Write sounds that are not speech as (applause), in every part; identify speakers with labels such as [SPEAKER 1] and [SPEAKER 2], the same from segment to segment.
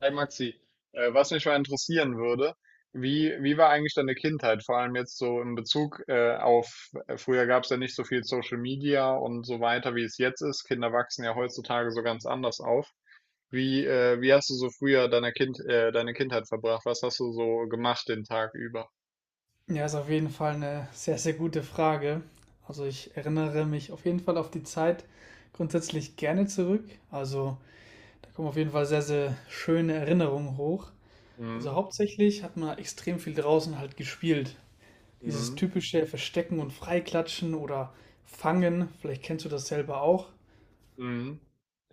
[SPEAKER 1] Hey Maxi, was mich mal interessieren würde, wie war eigentlich deine Kindheit, vor allem jetzt so in Bezug auf, früher gab es ja nicht so viel Social Media und so weiter, wie es jetzt ist. Kinder wachsen ja heutzutage so ganz anders auf. Wie, wie hast du so früher deine Kindheit verbracht? Was hast du so gemacht den Tag über?
[SPEAKER 2] Ja, ist auf jeden Fall eine sehr, sehr gute Frage. Also ich erinnere mich auf jeden Fall auf die Zeit grundsätzlich gerne zurück. Also da kommen auf jeden Fall sehr, sehr schöne Erinnerungen hoch.
[SPEAKER 1] Mhm.
[SPEAKER 2] Also hauptsächlich hat man extrem viel draußen halt gespielt. Dieses
[SPEAKER 1] Mhm.
[SPEAKER 2] typische Verstecken und Freiklatschen oder Fangen, vielleicht kennst du das selber auch.
[SPEAKER 1] Mhm.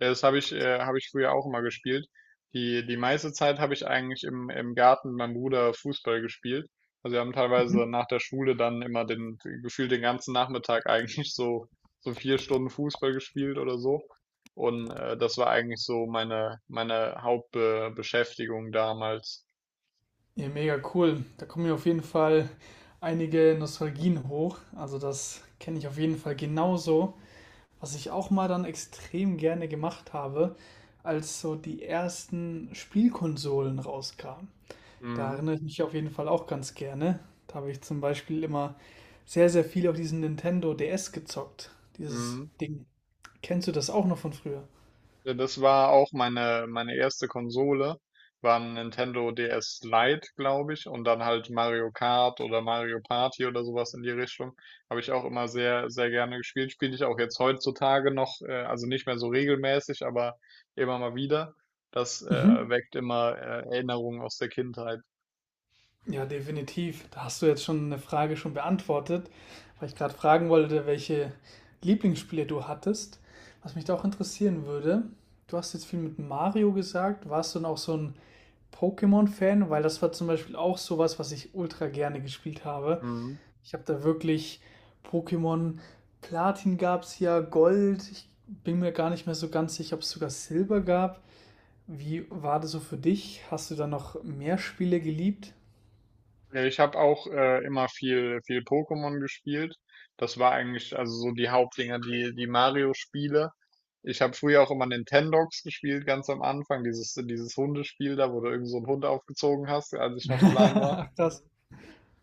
[SPEAKER 1] Ja, das habe ich früher auch immer gespielt. Die meiste Zeit habe ich eigentlich im Garten mit meinem Bruder Fußball gespielt. Also wir haben teilweise
[SPEAKER 2] Mhm.
[SPEAKER 1] nach der Schule dann immer den, gefühlt den ganzen Nachmittag (laughs) eigentlich so, so 4 Stunden Fußball gespielt oder so. Und das war eigentlich so meine Hauptbeschäftigung damals.
[SPEAKER 2] Ja, mega cool. Da kommen mir auf jeden Fall einige Nostalgien hoch. Also das kenne ich auf jeden Fall genauso. Was ich auch mal dann extrem gerne gemacht habe, als so die ersten Spielkonsolen rauskamen. Da
[SPEAKER 1] Mhm.
[SPEAKER 2] erinnere ich mich auf jeden Fall auch ganz gerne. Da habe ich zum Beispiel immer sehr, sehr viel auf diesen Nintendo DS gezockt. Dieses
[SPEAKER 1] Mhm.
[SPEAKER 2] Ding. Kennst du das auch noch von früher?
[SPEAKER 1] Ja, das war auch meine erste Konsole, war ein Nintendo DS Lite, glaube ich, und dann halt Mario Kart oder Mario Party oder sowas in die Richtung. Habe ich auch immer sehr, sehr gerne gespielt. Spiele ich auch jetzt heutzutage noch, also nicht mehr so regelmäßig, aber immer mal wieder. Das
[SPEAKER 2] Mhm.
[SPEAKER 1] weckt immer Erinnerungen aus der Kindheit.
[SPEAKER 2] Ja, definitiv. Da hast du jetzt schon eine Frage schon beantwortet, weil ich gerade fragen wollte, welche Lieblingsspiele du hattest. Was mich da auch interessieren würde, du hast jetzt viel mit Mario gesagt. Warst du noch so ein Pokémon-Fan, weil das war zum Beispiel auch sowas, was ich ultra gerne gespielt habe.
[SPEAKER 1] Mhm.
[SPEAKER 2] Ich habe da wirklich Pokémon Platin gab es ja, Gold. Ich bin mir gar nicht mehr so ganz sicher, ob es sogar Silber gab. Wie war das so für dich? Hast du da noch mehr Spiele geliebt?
[SPEAKER 1] Ja, ich habe auch immer viel, viel Pokémon gespielt. Das war eigentlich also so die Hauptdinger, die Mario-Spiele. Ich habe früher auch immer Nintendogs gespielt, ganz am Anfang, dieses Hundespiel da, wo du irgend so einen Hund aufgezogen hast, als ich
[SPEAKER 2] (laughs)
[SPEAKER 1] noch klein war.
[SPEAKER 2] Ach, das.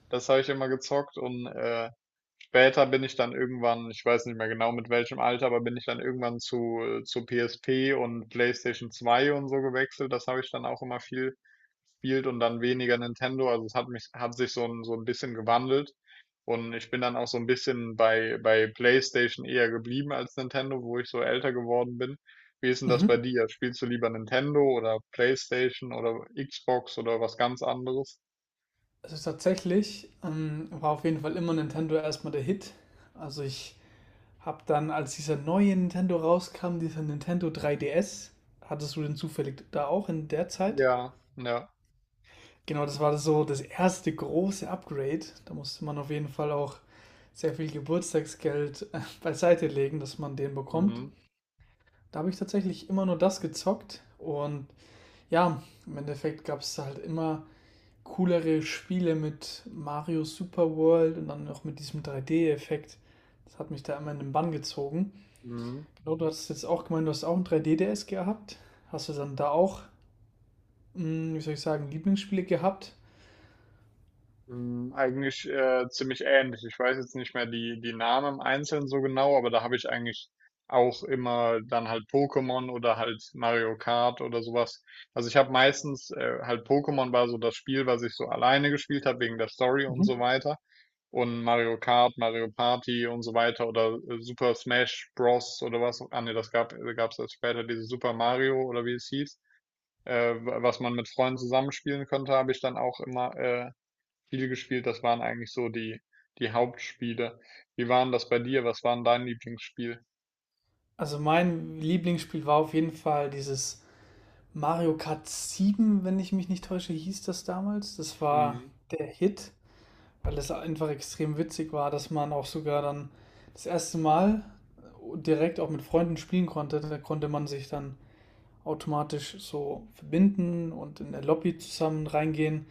[SPEAKER 1] Das habe ich immer gezockt und später bin ich dann irgendwann, ich weiß nicht mehr genau mit welchem Alter, aber bin ich dann irgendwann zu PSP und PlayStation 2 und so gewechselt. Das habe ich dann auch immer viel gespielt und dann weniger Nintendo. Also es hat mich, hat sich so ein bisschen gewandelt. Und ich bin dann auch so ein bisschen bei PlayStation eher geblieben als Nintendo, wo ich so älter geworden bin. Wie ist denn das bei
[SPEAKER 2] Mhm.
[SPEAKER 1] dir? Spielst du lieber Nintendo oder PlayStation oder Xbox oder was ganz anderes?
[SPEAKER 2] Also tatsächlich war auf jeden Fall immer Nintendo erstmal der Hit. Also ich habe dann, als dieser neue Nintendo rauskam, dieser Nintendo 3DS, hattest du den zufällig da auch in der Zeit?
[SPEAKER 1] Ja, ja.
[SPEAKER 2] Genau, das war das so das erste große Upgrade. Da musste man auf jeden Fall auch sehr viel Geburtstagsgeld (laughs) beiseite legen, dass man den bekommt.
[SPEAKER 1] Mhm.
[SPEAKER 2] Da habe ich tatsächlich immer nur das gezockt und ja, im Endeffekt gab es halt immer coolere Spiele mit Mario Super World und dann noch mit diesem 3D-Effekt. Das hat mich da immer in den Bann gezogen.
[SPEAKER 1] Mhm.
[SPEAKER 2] Genau, du hast jetzt auch gemeint, du hast auch ein 3D-DS gehabt. Hast du dann da auch, wie soll ich sagen, Lieblingsspiele gehabt?
[SPEAKER 1] Hm, eigentlich ziemlich ähnlich. Ich weiß jetzt nicht mehr die Namen im Einzelnen so genau, aber da habe ich eigentlich auch immer dann halt Pokémon oder halt Mario Kart oder sowas. Also ich habe meistens halt Pokémon war so das Spiel, was ich so alleine gespielt habe wegen der Story und so
[SPEAKER 2] Mhm.
[SPEAKER 1] weiter. Und Mario Kart, Mario Party und so weiter oder Super Smash Bros. Oder was. Ah ne, das gab's erst später diese Super Mario oder wie es hieß. Was man mit Freunden zusammenspielen konnte, habe ich dann auch immer viel gespielt. Das waren eigentlich so die die Hauptspiele. Wie waren das bei dir? Was war 'n dein Lieblingsspiel?
[SPEAKER 2] Also mein Lieblingsspiel war auf jeden Fall dieses Mario Kart 7, wenn ich mich nicht täusche, hieß das damals. Das war
[SPEAKER 1] Mhm.
[SPEAKER 2] der Hit, weil es einfach extrem witzig war, dass man auch sogar dann das erste Mal direkt auch mit Freunden spielen konnte. Da konnte man sich dann automatisch so verbinden und in der Lobby zusammen reingehen.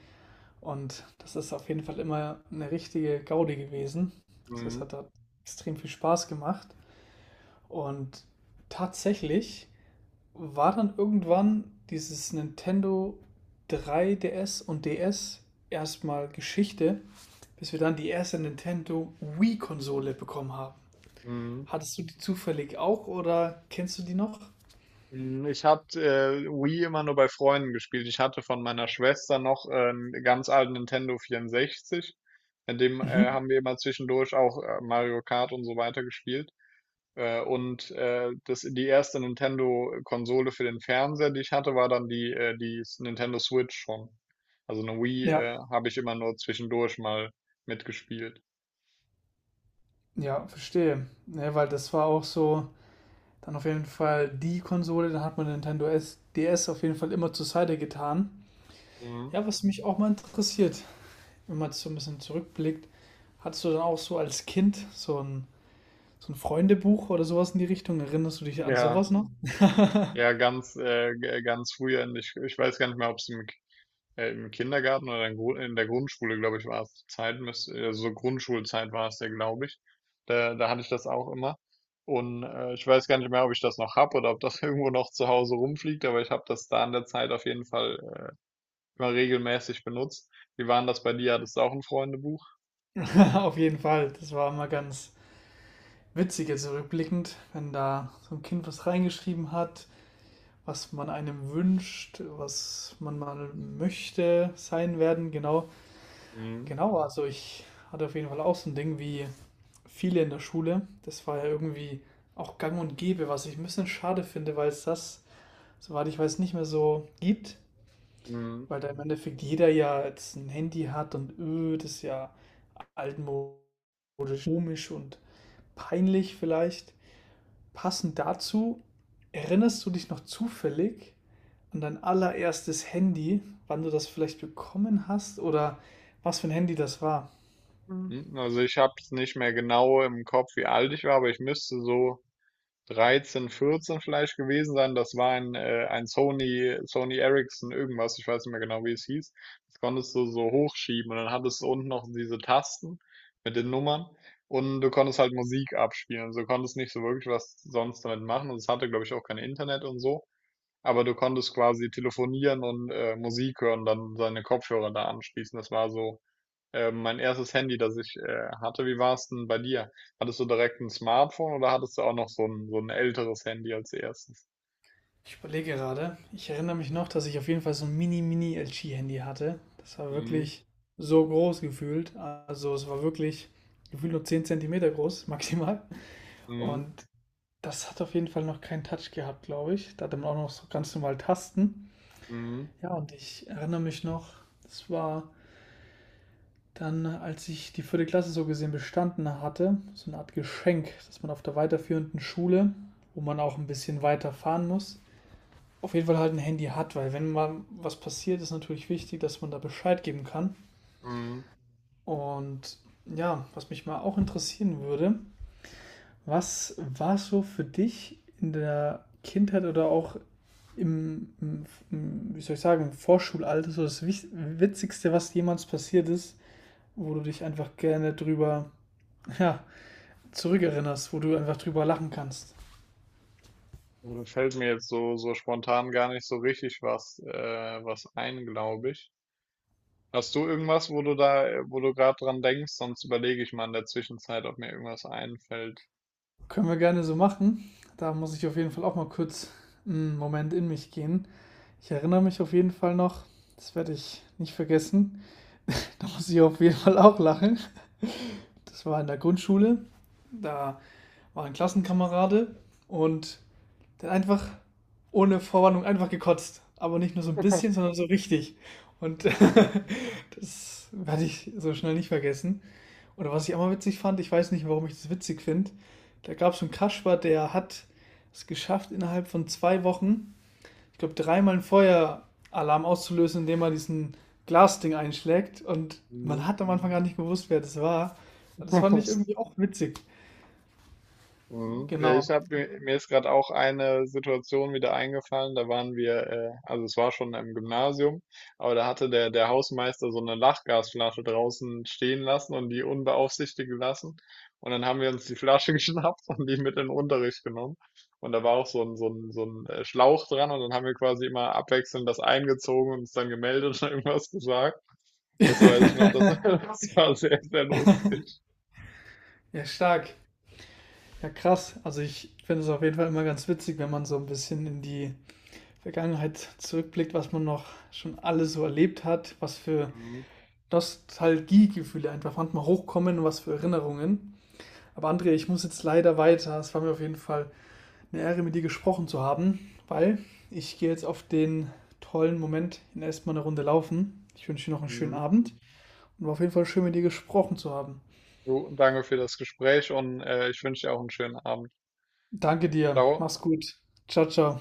[SPEAKER 2] Und das ist auf jeden Fall immer eine richtige Gaudi gewesen. Also es
[SPEAKER 1] Mhm.
[SPEAKER 2] hat da extrem viel Spaß gemacht. Und tatsächlich war dann irgendwann dieses Nintendo 3DS und DS erstmal Geschichte, bis wir dann die erste Nintendo Wii-Konsole bekommen haben.
[SPEAKER 1] Mhm.
[SPEAKER 2] Hattest du die zufällig auch oder kennst du die noch?
[SPEAKER 1] Hm, ich habe, Wii immer nur bei Freunden gespielt. Ich hatte von meiner Schwester noch 'n ganz alten Nintendo 64. Mit dem
[SPEAKER 2] Mhm.
[SPEAKER 1] haben wir immer zwischendurch auch Mario Kart und so weiter gespielt. Das, die erste Nintendo-Konsole für den Fernseher, die ich hatte, war dann die Nintendo Switch schon. Also eine Wii
[SPEAKER 2] Ja,
[SPEAKER 1] äh, habe ich immer nur zwischendurch mal mitgespielt.
[SPEAKER 2] ja, verstehe. Ne, weil das war auch so, dann auf jeden Fall die Konsole, dann hat man Nintendo S, DS auf jeden Fall immer zur Seite getan.
[SPEAKER 1] Mhm.
[SPEAKER 2] Ja, was mich auch mal interessiert, wenn man so ein bisschen zurückblickt, hattest du dann auch so als Kind so ein so ein Freundebuch oder sowas in die Richtung? Erinnerst du dich an sowas
[SPEAKER 1] Ja,
[SPEAKER 2] noch? (laughs)
[SPEAKER 1] ja, ganz früher. Und ich weiß gar nicht mehr, ob es im im Kindergarten oder in der Grundschule, glaube ich, war es die Zeit, so Grundschulzeit war es ja, glaube ich. Da hatte ich das auch immer. Und ich weiß gar nicht mehr, ob ich das noch habe oder ob das (laughs) irgendwo noch zu Hause rumfliegt, aber ich habe das da in der Zeit auf jeden Fall immer regelmäßig benutzt. Wie waren das bei dir? Hattest du auch ein Freundebuch?
[SPEAKER 2] Auf jeden Fall. Das war immer ganz witzig jetzt rückblickend, wenn da so ein Kind was reingeschrieben hat, was man einem wünscht, was man mal möchte sein werden, genau.
[SPEAKER 1] Mhm.
[SPEAKER 2] Genau, also ich hatte auf jeden Fall auch so ein Ding wie viele in der Schule. Das war ja irgendwie auch gang und gäbe, was ich ein bisschen schade finde, weil es das, soweit ich weiß, nicht mehr so gibt.
[SPEAKER 1] Mhm.
[SPEAKER 2] Weil da im Endeffekt jeder ja jetzt ein Handy hat und das ist ja altmodisch, komisch und peinlich vielleicht. Passend dazu, erinnerst du dich noch zufällig an dein allererstes Handy, wann du das vielleicht bekommen hast oder was für ein Handy das war?
[SPEAKER 1] Mhm. Also ich habe es nicht mehr genau im Kopf, wie alt ich war, aber ich müsste so 13, 14 vielleicht gewesen sein. Das war ein Sony Ericsson irgendwas, ich weiß nicht mehr genau, wie es hieß. Das konntest du so hochschieben und dann hattest du unten noch diese Tasten mit den Nummern und du konntest halt Musik abspielen. Du konntest nicht so wirklich was sonst damit machen und es hatte, glaube ich, auch kein Internet und so. Aber du konntest quasi telefonieren und Musik hören, dann seine Kopfhörer da anschließen. Das war so mein erstes Handy, das ich hatte. Wie war es denn bei dir? Hattest du direkt ein Smartphone oder hattest du auch noch so ein älteres Handy als erstes?
[SPEAKER 2] Ich überlege gerade. Ich erinnere mich noch, dass ich auf jeden Fall so ein Mini-Mini-LG-Handy hatte. Das war
[SPEAKER 1] Mhm,
[SPEAKER 2] wirklich so groß gefühlt. Also es war wirklich gefühlt nur 10 cm groß, (laughs) maximal.
[SPEAKER 1] mhm,
[SPEAKER 2] Und das hat auf jeden Fall noch keinen Touch gehabt, glaube ich. Da hatte man auch noch so ganz normal Tasten.
[SPEAKER 1] mhm,
[SPEAKER 2] Ja, und ich erinnere mich noch, das war dann, als ich die vierte Klasse so gesehen bestanden hatte, so eine Art Geschenk, dass man auf der weiterführenden Schule, wo man auch ein bisschen weiter fahren muss, auf jeden Fall halt ein Handy hat, weil wenn mal was passiert, ist natürlich wichtig, dass man da Bescheid geben kann.
[SPEAKER 1] mhm.
[SPEAKER 2] Und ja, was mich mal auch interessieren würde, was war so für dich in der Kindheit oder auch im, wie soll ich sagen, im Vorschulalter so das Witzigste, was jemals passiert ist, wo du dich einfach gerne drüber, (laughs) ja, zurückerinnerst, wo du einfach drüber lachen kannst.
[SPEAKER 1] Also, da fällt mir jetzt so, so spontan gar nicht so richtig was, was ein, glaube ich. Hast du irgendwas, wo du wo du gerade dran denkst? Sonst überlege ich mal in der Zwischenzeit, ob mir irgendwas einfällt.
[SPEAKER 2] Können wir gerne so machen. Da muss ich auf jeden Fall auch mal kurz einen Moment in mich gehen. Ich erinnere mich auf jeden Fall noch, das werde ich nicht vergessen. Da muss ich auf jeden Fall auch lachen. Das war in der Grundschule. Da war ein Klassenkamerade und dann einfach ohne Vorwarnung einfach gekotzt. Aber nicht nur so ein bisschen,
[SPEAKER 1] (laughs)
[SPEAKER 2] sondern so richtig. Und
[SPEAKER 1] Mhm,
[SPEAKER 2] (laughs) das werde ich so schnell nicht vergessen. Oder was ich auch mal witzig fand, ich weiß nicht, warum ich das witzig finde. Da gab es einen Kasper, der hat es geschafft, innerhalb von 2 Wochen, ich glaube, dreimal einen Feueralarm auszulösen, indem er diesen Glasding einschlägt. Und
[SPEAKER 1] mhm.
[SPEAKER 2] man hat am Anfang gar nicht gewusst, wer das war. Das fand ich irgendwie
[SPEAKER 1] (laughs)
[SPEAKER 2] auch witzig.
[SPEAKER 1] Mhm. Ja, ich
[SPEAKER 2] Genau.
[SPEAKER 1] habe mir ist gerade auch eine Situation wieder eingefallen. Da waren wir, also es war schon im Gymnasium, aber da hatte der Hausmeister so eine Lachgasflasche draußen stehen lassen und die unbeaufsichtigt gelassen. Und dann haben wir uns die Flasche (laughs) geschnappt und die mit in den Unterricht genommen. Und da war auch so ein Schlauch dran und dann haben wir quasi immer abwechselnd das eingezogen und uns dann gemeldet (laughs) und irgendwas gesagt.
[SPEAKER 2] (laughs)
[SPEAKER 1] Das weiß ich noch, das, (laughs)
[SPEAKER 2] Ja,
[SPEAKER 1] das war sehr, sehr lustig.
[SPEAKER 2] stark. Ja, krass. Also ich finde es auf jeden Fall immer ganz witzig, wenn man so ein bisschen in die Vergangenheit zurückblickt, was man noch schon alles so erlebt hat, was für
[SPEAKER 1] Mhm.
[SPEAKER 2] Nostalgiegefühle einfach manchmal hochkommen und was für Erinnerungen. Aber André, ich muss jetzt leider weiter. Es war mir auf jeden Fall eine Ehre, mit dir gesprochen zu haben, weil ich gehe jetzt auf den tollen Moment in erstmal eine Runde laufen. Ich wünsche dir noch einen schönen
[SPEAKER 1] Mhm.
[SPEAKER 2] Abend und war auf jeden Fall schön, mit dir gesprochen zu haben.
[SPEAKER 1] Du, danke für das Gespräch und ich wünsche dir auch einen schönen Abend.
[SPEAKER 2] Danke dir.
[SPEAKER 1] Ciao.
[SPEAKER 2] Mach's gut. Ciao, ciao.